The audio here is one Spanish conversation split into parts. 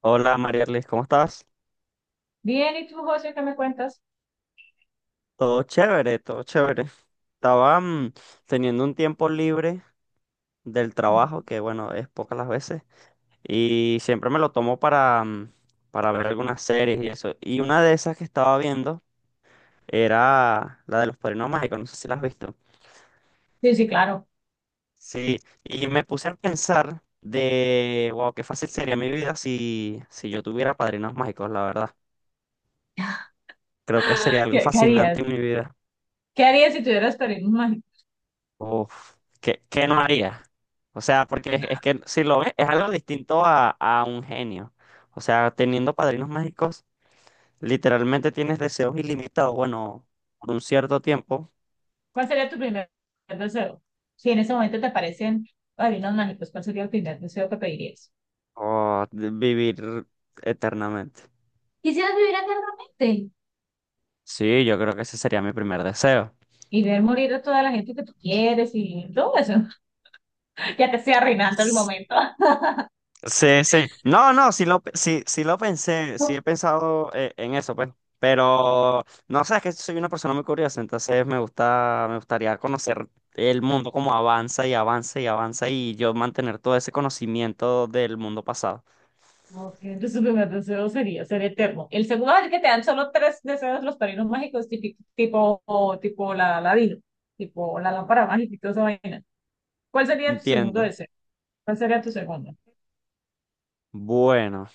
Hola Marialis, ¿cómo estás? Bien, ¿y tú, José, qué me cuentas? Todo chévere, todo chévere. Estaba teniendo un tiempo libre del trabajo, que bueno, es pocas las veces, y siempre me lo tomo para para ver algunas series y eso. Y una de esas que estaba viendo era la de los Padrinos Mágicos, no sé si la has visto. Sí, sí, claro. Sí, y me puse a pensar de, wow, qué fácil sería mi vida si yo tuviera padrinos mágicos, la verdad. Creo que sería algo ¿Qué fascinante harías? en mi vida. ¿Qué harías si tuvieras padrinos mágicos? Uf, qué no haría? O sea, porque es que si lo ves, es algo distinto a un genio. O sea, teniendo padrinos mágicos, literalmente tienes deseos ilimitados, bueno, por un cierto tiempo, ¿Cuál sería tu primer deseo? Si en ese momento te aparecen padrinos mágicos, ¿cuál sería el primer deseo que pedirías? o de vivir eternamente. Quisieras vivir eternamente. Sí, yo creo que ese sería mi primer deseo. Y ver morir a toda la gente que tú quieres y todo eso. Ya te estoy arruinando el momento. Sí, sí. No, no, sí, sí lo pensé, sí he pensado en eso, pues. Pero no sé, es que soy una persona muy curiosa, entonces me gusta, me gustaría conocer el mundo como avanza y avanza y avanza y yo mantener todo ese conocimiento del mundo pasado. Ok, entonces, el primer deseo sería ser eterno. El segundo es el que te dan solo tres deseos los padrinos mágicos, tipo, tipo la ladino, tipo la lámpara mágica y toda esa vaina. ¿Cuál sería tu segundo Entiendo. deseo? ¿Cuál sería tu segundo? Bueno,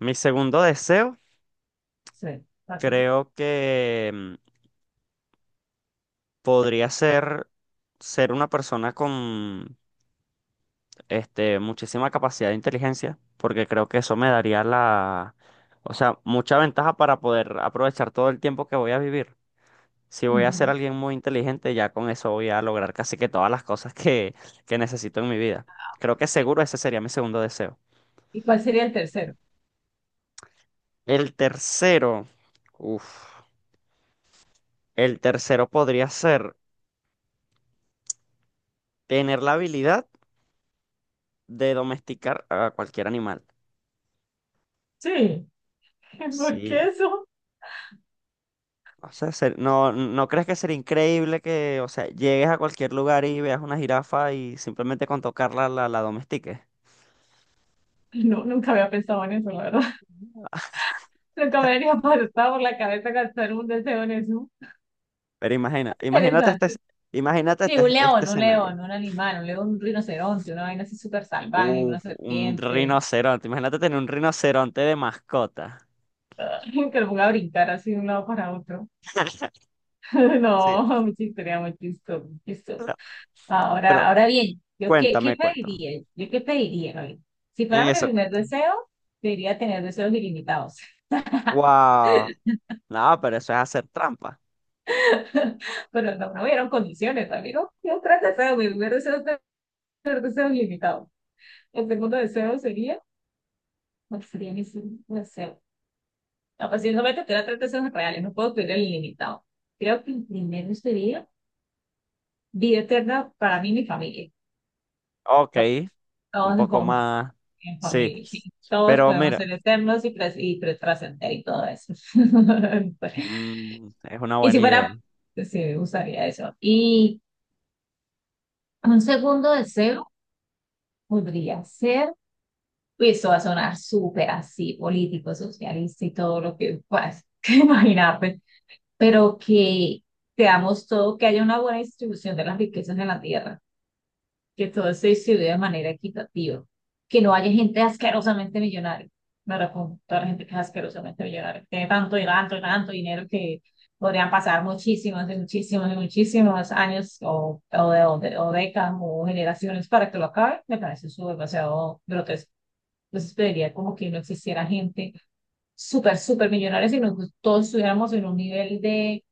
mi segundo deseo Sí, ¿cuál sería? creo que podría ser ser una persona con muchísima capacidad de inteligencia, porque creo que eso me daría o sea, mucha ventaja para poder aprovechar todo el tiempo que voy a vivir. Si voy a ser Ujú. alguien muy inteligente, ya con eso voy a lograr casi que todas las cosas que necesito en mi vida. Creo que seguro ese sería mi segundo deseo. ¿Y cuál sería el tercero? El tercero, uff, el tercero podría ser tener la habilidad de domesticar a cualquier animal. Sí, ¿por qué Sí, eso? No, ¿no crees que sería increíble que, o sea, llegues a cualquier lugar y veas una jirafa y simplemente con tocarla la domestiques? No, nunca había pensado en eso, la verdad. Nunca me había pasado por la cabeza gastar un deseo en eso. Pero imagina, Interesante. Imagínate Sí, este, un este león, un escenario. león, un animal, un león, un rinoceronte, una vaina así súper salvaje, una Uf, un serpiente, rinoceronte. Imagínate tener un rinoceronte de mascota. ah, que lo ponga a brincar así de un lado para otro. Sí. No, mucha historia, muy chistoso, muy chistoso. Pero Ahora, pero ahora bien, ¿yo qué cuéntame, cuéntame. pediría? ¿Yo qué pediría, Gaby? Si fuera mi Eso que primer deseo, pediría tener deseos ilimitados. wow. No, pero eso es hacer trampa. Pero no, no hubieron condiciones, amigo. Yo tres deseos, mi primer deseo es tener deseos ilimitados. El segundo deseo sería, ¿cuál sería mi segundo deseo? No, pues si no me tendrá tres deseos reales, no puedo pedir el ilimitado. Creo que el primero sería vida eterna para mí y mi familia. Ok. To- Un Todos en poco más. en Sí. familia, sí. Todos Pero podemos mira, ser eternos y, trascender y todo eso. Es una Y si buena idea. fuera, pues, sí, me gustaría eso. Y un segundo deseo podría ser, y esto va a sonar súper así, político, socialista y todo lo que puedas imaginar, pero que creamos todo, que haya una buena distribución de las riquezas en la tierra, que todo se distribuya de manera equitativa, que no haya gente asquerosamente millonaria. Me refiero toda la gente que es asquerosamente millonaria, que tiene tanto y tanto y tanto dinero que podrían pasar muchísimos y muchísimos y muchísimos años o décadas o generaciones para que lo acabe, me parece eso demasiado grotesco. Entonces pediría como que no existiera gente súper, súper millonaria, sino que todos estuviéramos en un nivel de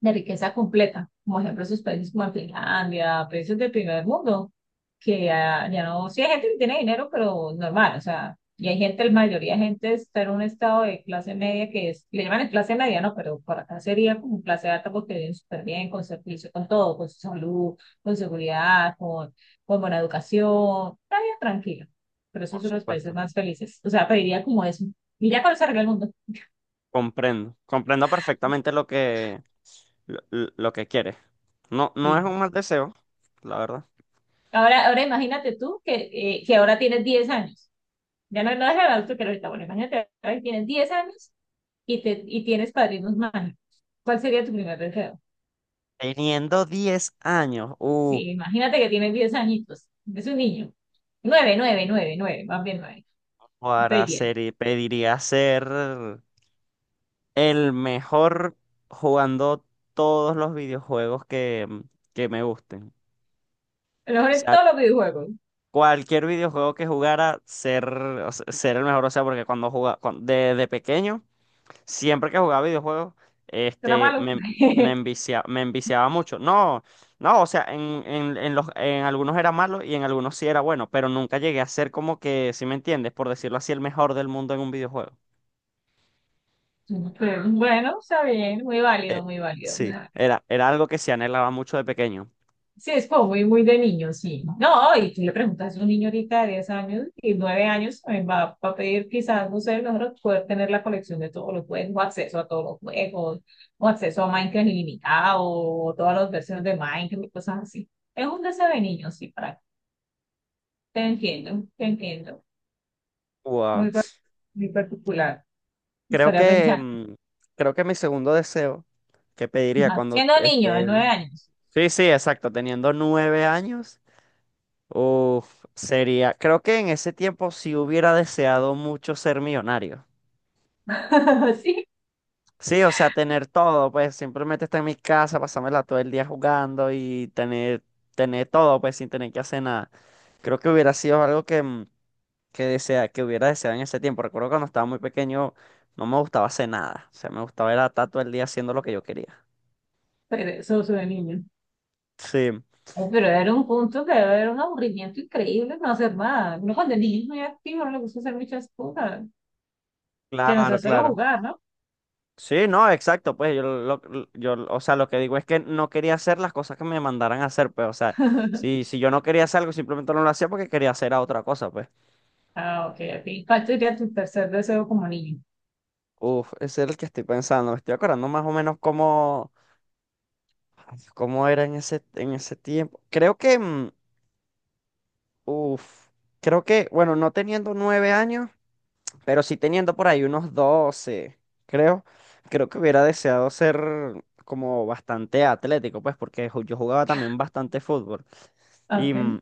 riqueza completa, como ejemplo esos países como Finlandia, países del primer mundo, que ya no, sí hay gente que tiene dinero, pero normal, o sea, y hay gente, la mayoría de gente está en un estado de clase media que es, le llaman clase media, no, pero por acá sería como clase alta porque viven súper bien, con servicio, con todo, con su salud, con seguridad, con buena educación, está bien tranquilo, pero esos Por son los países supuesto. más felices, o sea, pediría como eso, y ya con eso arregla el mundo. Comprendo. Comprendo perfectamente lo que, lo, lo que quieres. No es un mal deseo, la verdad. Ahora imagínate tú que ahora tienes 10 años. Ya no, no es el adulto que era ahorita, bueno, imagínate, ahora que tienes 10 años y tienes padrinos mágicos. ¿Cuál sería tu primer deseo? Teniendo 10 años, Sí, imagínate que tienes 10 añitos, es un niño. Nueve 9 9 9 más bien 9. Estoy bien. Y pediría ser el mejor jugando todos los videojuegos que que me gusten. A lo mejor O en sea, todos los videojuegos. cualquier videojuego que jugara, o sea, ser el mejor. O sea, porque cuando jugaba, desde pequeño. Siempre que jugaba videojuegos, Será este, malo. me, me enviciaba mucho. No, no, o sea, en los, en algunos era malo y en algunos sí era bueno, pero nunca llegué a ser como que, si me entiendes, por decirlo así, el mejor del mundo en un videojuego. Pero, bueno, está bien, muy Eh, válido, muy válido, muy sí, válido. Era algo que se anhelaba mucho de pequeño. Sí, es como muy, muy de niño, sí. No, y tú le preguntas a un niño ahorita de 10 años y 9 años, también va a pedir quizás, no sé, nosotros poder tener la colección de todos los juegos, o acceso a todos los juegos, o acceso a Minecraft ilimitado, o todas las versiones de Minecraft y cosas así. Es un deseo de niño, sí, para Te entiendo, te entiendo. Wow. Muy, par- muy particular. Creo Estaría que, pensando, mm, creo que mi segundo deseo que pediría ajá, cuando, siendo niño de este, 9 años. sí, sí, exacto, teniendo 9 años. Uf, sería, creo que en ese tiempo sí hubiera deseado mucho ser millonario. Sí, Sí, o sea, tener todo, pues simplemente estar en mi casa, pasármela todo el día jugando y tener todo, pues sin tener que hacer nada. Creo que hubiera sido algo que que hubiera deseado en ese tiempo. Recuerdo cuando estaba muy pequeño no me gustaba hacer nada, o sea, me gustaba era estar todo el día haciendo lo que yo quería. pero eso es de niño. Sí, Ay, pero era un punto que era un aburrimiento increíble no hacer nada. Uno cuando el niño es muy activo no le gusta hacer muchas cosas. Que no sea claro, solo claro. jugar, ¿no? Sí, no, exacto, pues yo, o sea, lo que digo es que no quería hacer las cosas que me mandaran a hacer, pues, o sea, si yo no quería hacer algo, simplemente no lo hacía porque quería hacer a otra cosa, pues. Ah, ok, ok. ¿Cuál sería tu tercer deseo como niño? Uf, ese es el que estoy pensando, me estoy acordando más o menos cómo era en en ese tiempo. Creo uf, que, bueno, no teniendo 9 años. Pero sí teniendo por ahí unos 12 creo, creo que hubiera deseado ser como bastante atlético, pues, porque yo jugaba también bastante fútbol. Y, Ok. mm,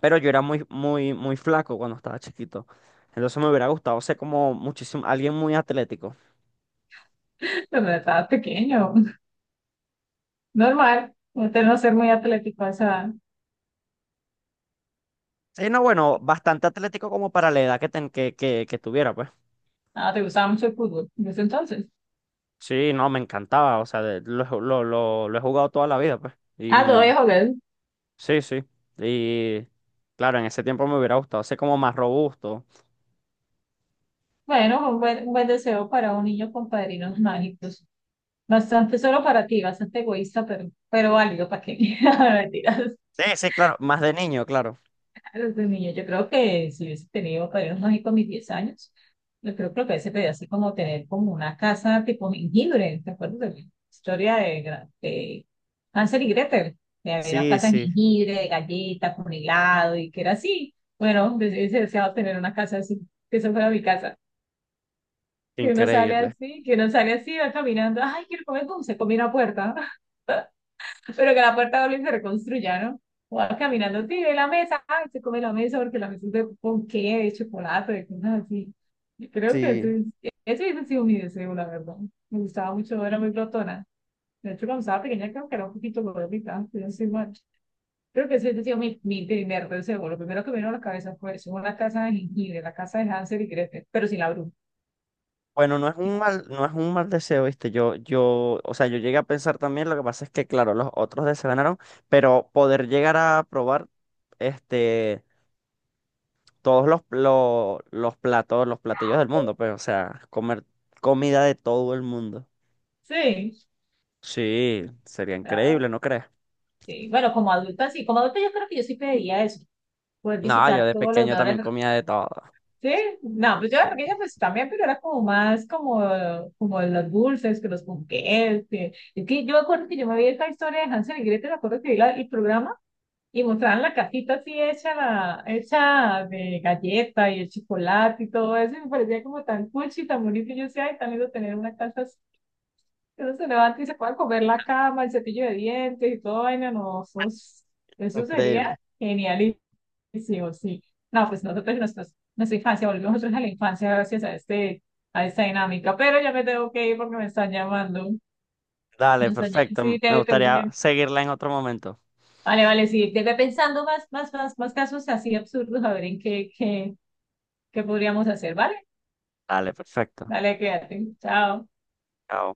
pero yo era muy, muy, muy flaco cuando estaba chiquito. Entonces me hubiera gustado ser como muchísimo, alguien muy atlético. Cuando estabas pequeño. Normal. Usted no ser muy atlético a esa edad. Sí, no, bueno, bastante atlético como para la edad que que tuviera, pues. Ah, te gustaba mucho el fútbol. Desde entonces. Sí, no, me encantaba, o sea, de- lo, he ju- lo he jugado toda la vida, pues. Ah, todavía jugar. Sí, sí. Y claro, en ese tiempo me hubiera gustado ser como más robusto. Bueno, un buen deseo para un niño con padrinos mágicos. Bastante solo para ti, bastante egoísta, pero válido para que. Mentira. Sí, sí, claro, más de niño, claro. A los de niño. Yo creo que si hubiese tenido padrinos mágicos a mis 10 años, yo creo que lo que hubiese pedido así como tener como una casa tipo jengibre. ¿Te acuerdas de la historia de Hansel y Gretel? De había una Sí, casa en sí, jengibre, de galletas, con helado y que era así. Bueno, yo hubiese deseado tener una casa así, que eso fuera mi casa. Que uno sale increíble. así, que uno sale así, va caminando, ay, quiero comer dulce, comí una puerta. Pero que la puerta doble se reconstruya, ¿no? O va caminando, tire la mesa, ay, se come la mesa porque la mesa es de ponqué, de chocolate, de cosas así. Yo creo que Sí. ese hubiese sido mi deseo, la verdad. Me gustaba mucho, era muy glotona. De hecho, cuando estaba pequeña, creo que era un poquito gordita, pero no soy mal. Creo que ese hubiese sido mi primer deseo. Lo primero que me vino a la cabeza fue eso, una casa de jengibre, la casa de Hansel y Gretel, pero sin la bruja. Bueno, no es un mal deseo, ¿viste? O sea, yo llegué a pensar también, lo que pasa es que, claro, los otros deseos ganaron, pero poder llegar a probar, este, todos los platos, los platillos del mundo, pues, o sea, comer comida de todo el mundo. Sí, Sí, sería ah, increíble, ¿no crees? sí. Bueno, como adulta, sí. Como adulta yo creo que yo sí pediría eso, poder No, yo visitar de todos los pequeño también lugares. comía de todo. Sí, no, pues yo era pequeña pues también, pero era como más como los dulces, que los ponqués, que, es que yo me acuerdo que yo me vi esta historia de Hansel y Gretel, me acuerdo que vi el programa y mostraban la casita así hecha, hecha de galleta y el chocolate y todo eso, y me parecía como tan cuchi, tan bonito, y yo decía, ay, tan lindo tener una casa así, que uno se levanta y se pueda comer la cama, el cepillo de dientes y todo, vaina, no, eso Increíble. sería genial. Sí, sí, o sí. No, pues nosotros en nuestra infancia, volvemos nosotros a la infancia gracias a esta dinámica. Pero ya me tengo que ir porque me están llamando. Dale, Me están- perfecto. sí, Me te, gustaría te- seguirla en otro momento. Vale, vale, sí. Te voy pensando más, más, más, más casos así absurdos, a ver en qué, qué podríamos hacer, ¿vale? Dale, perfecto. Dale, quédate. Chao. Chao.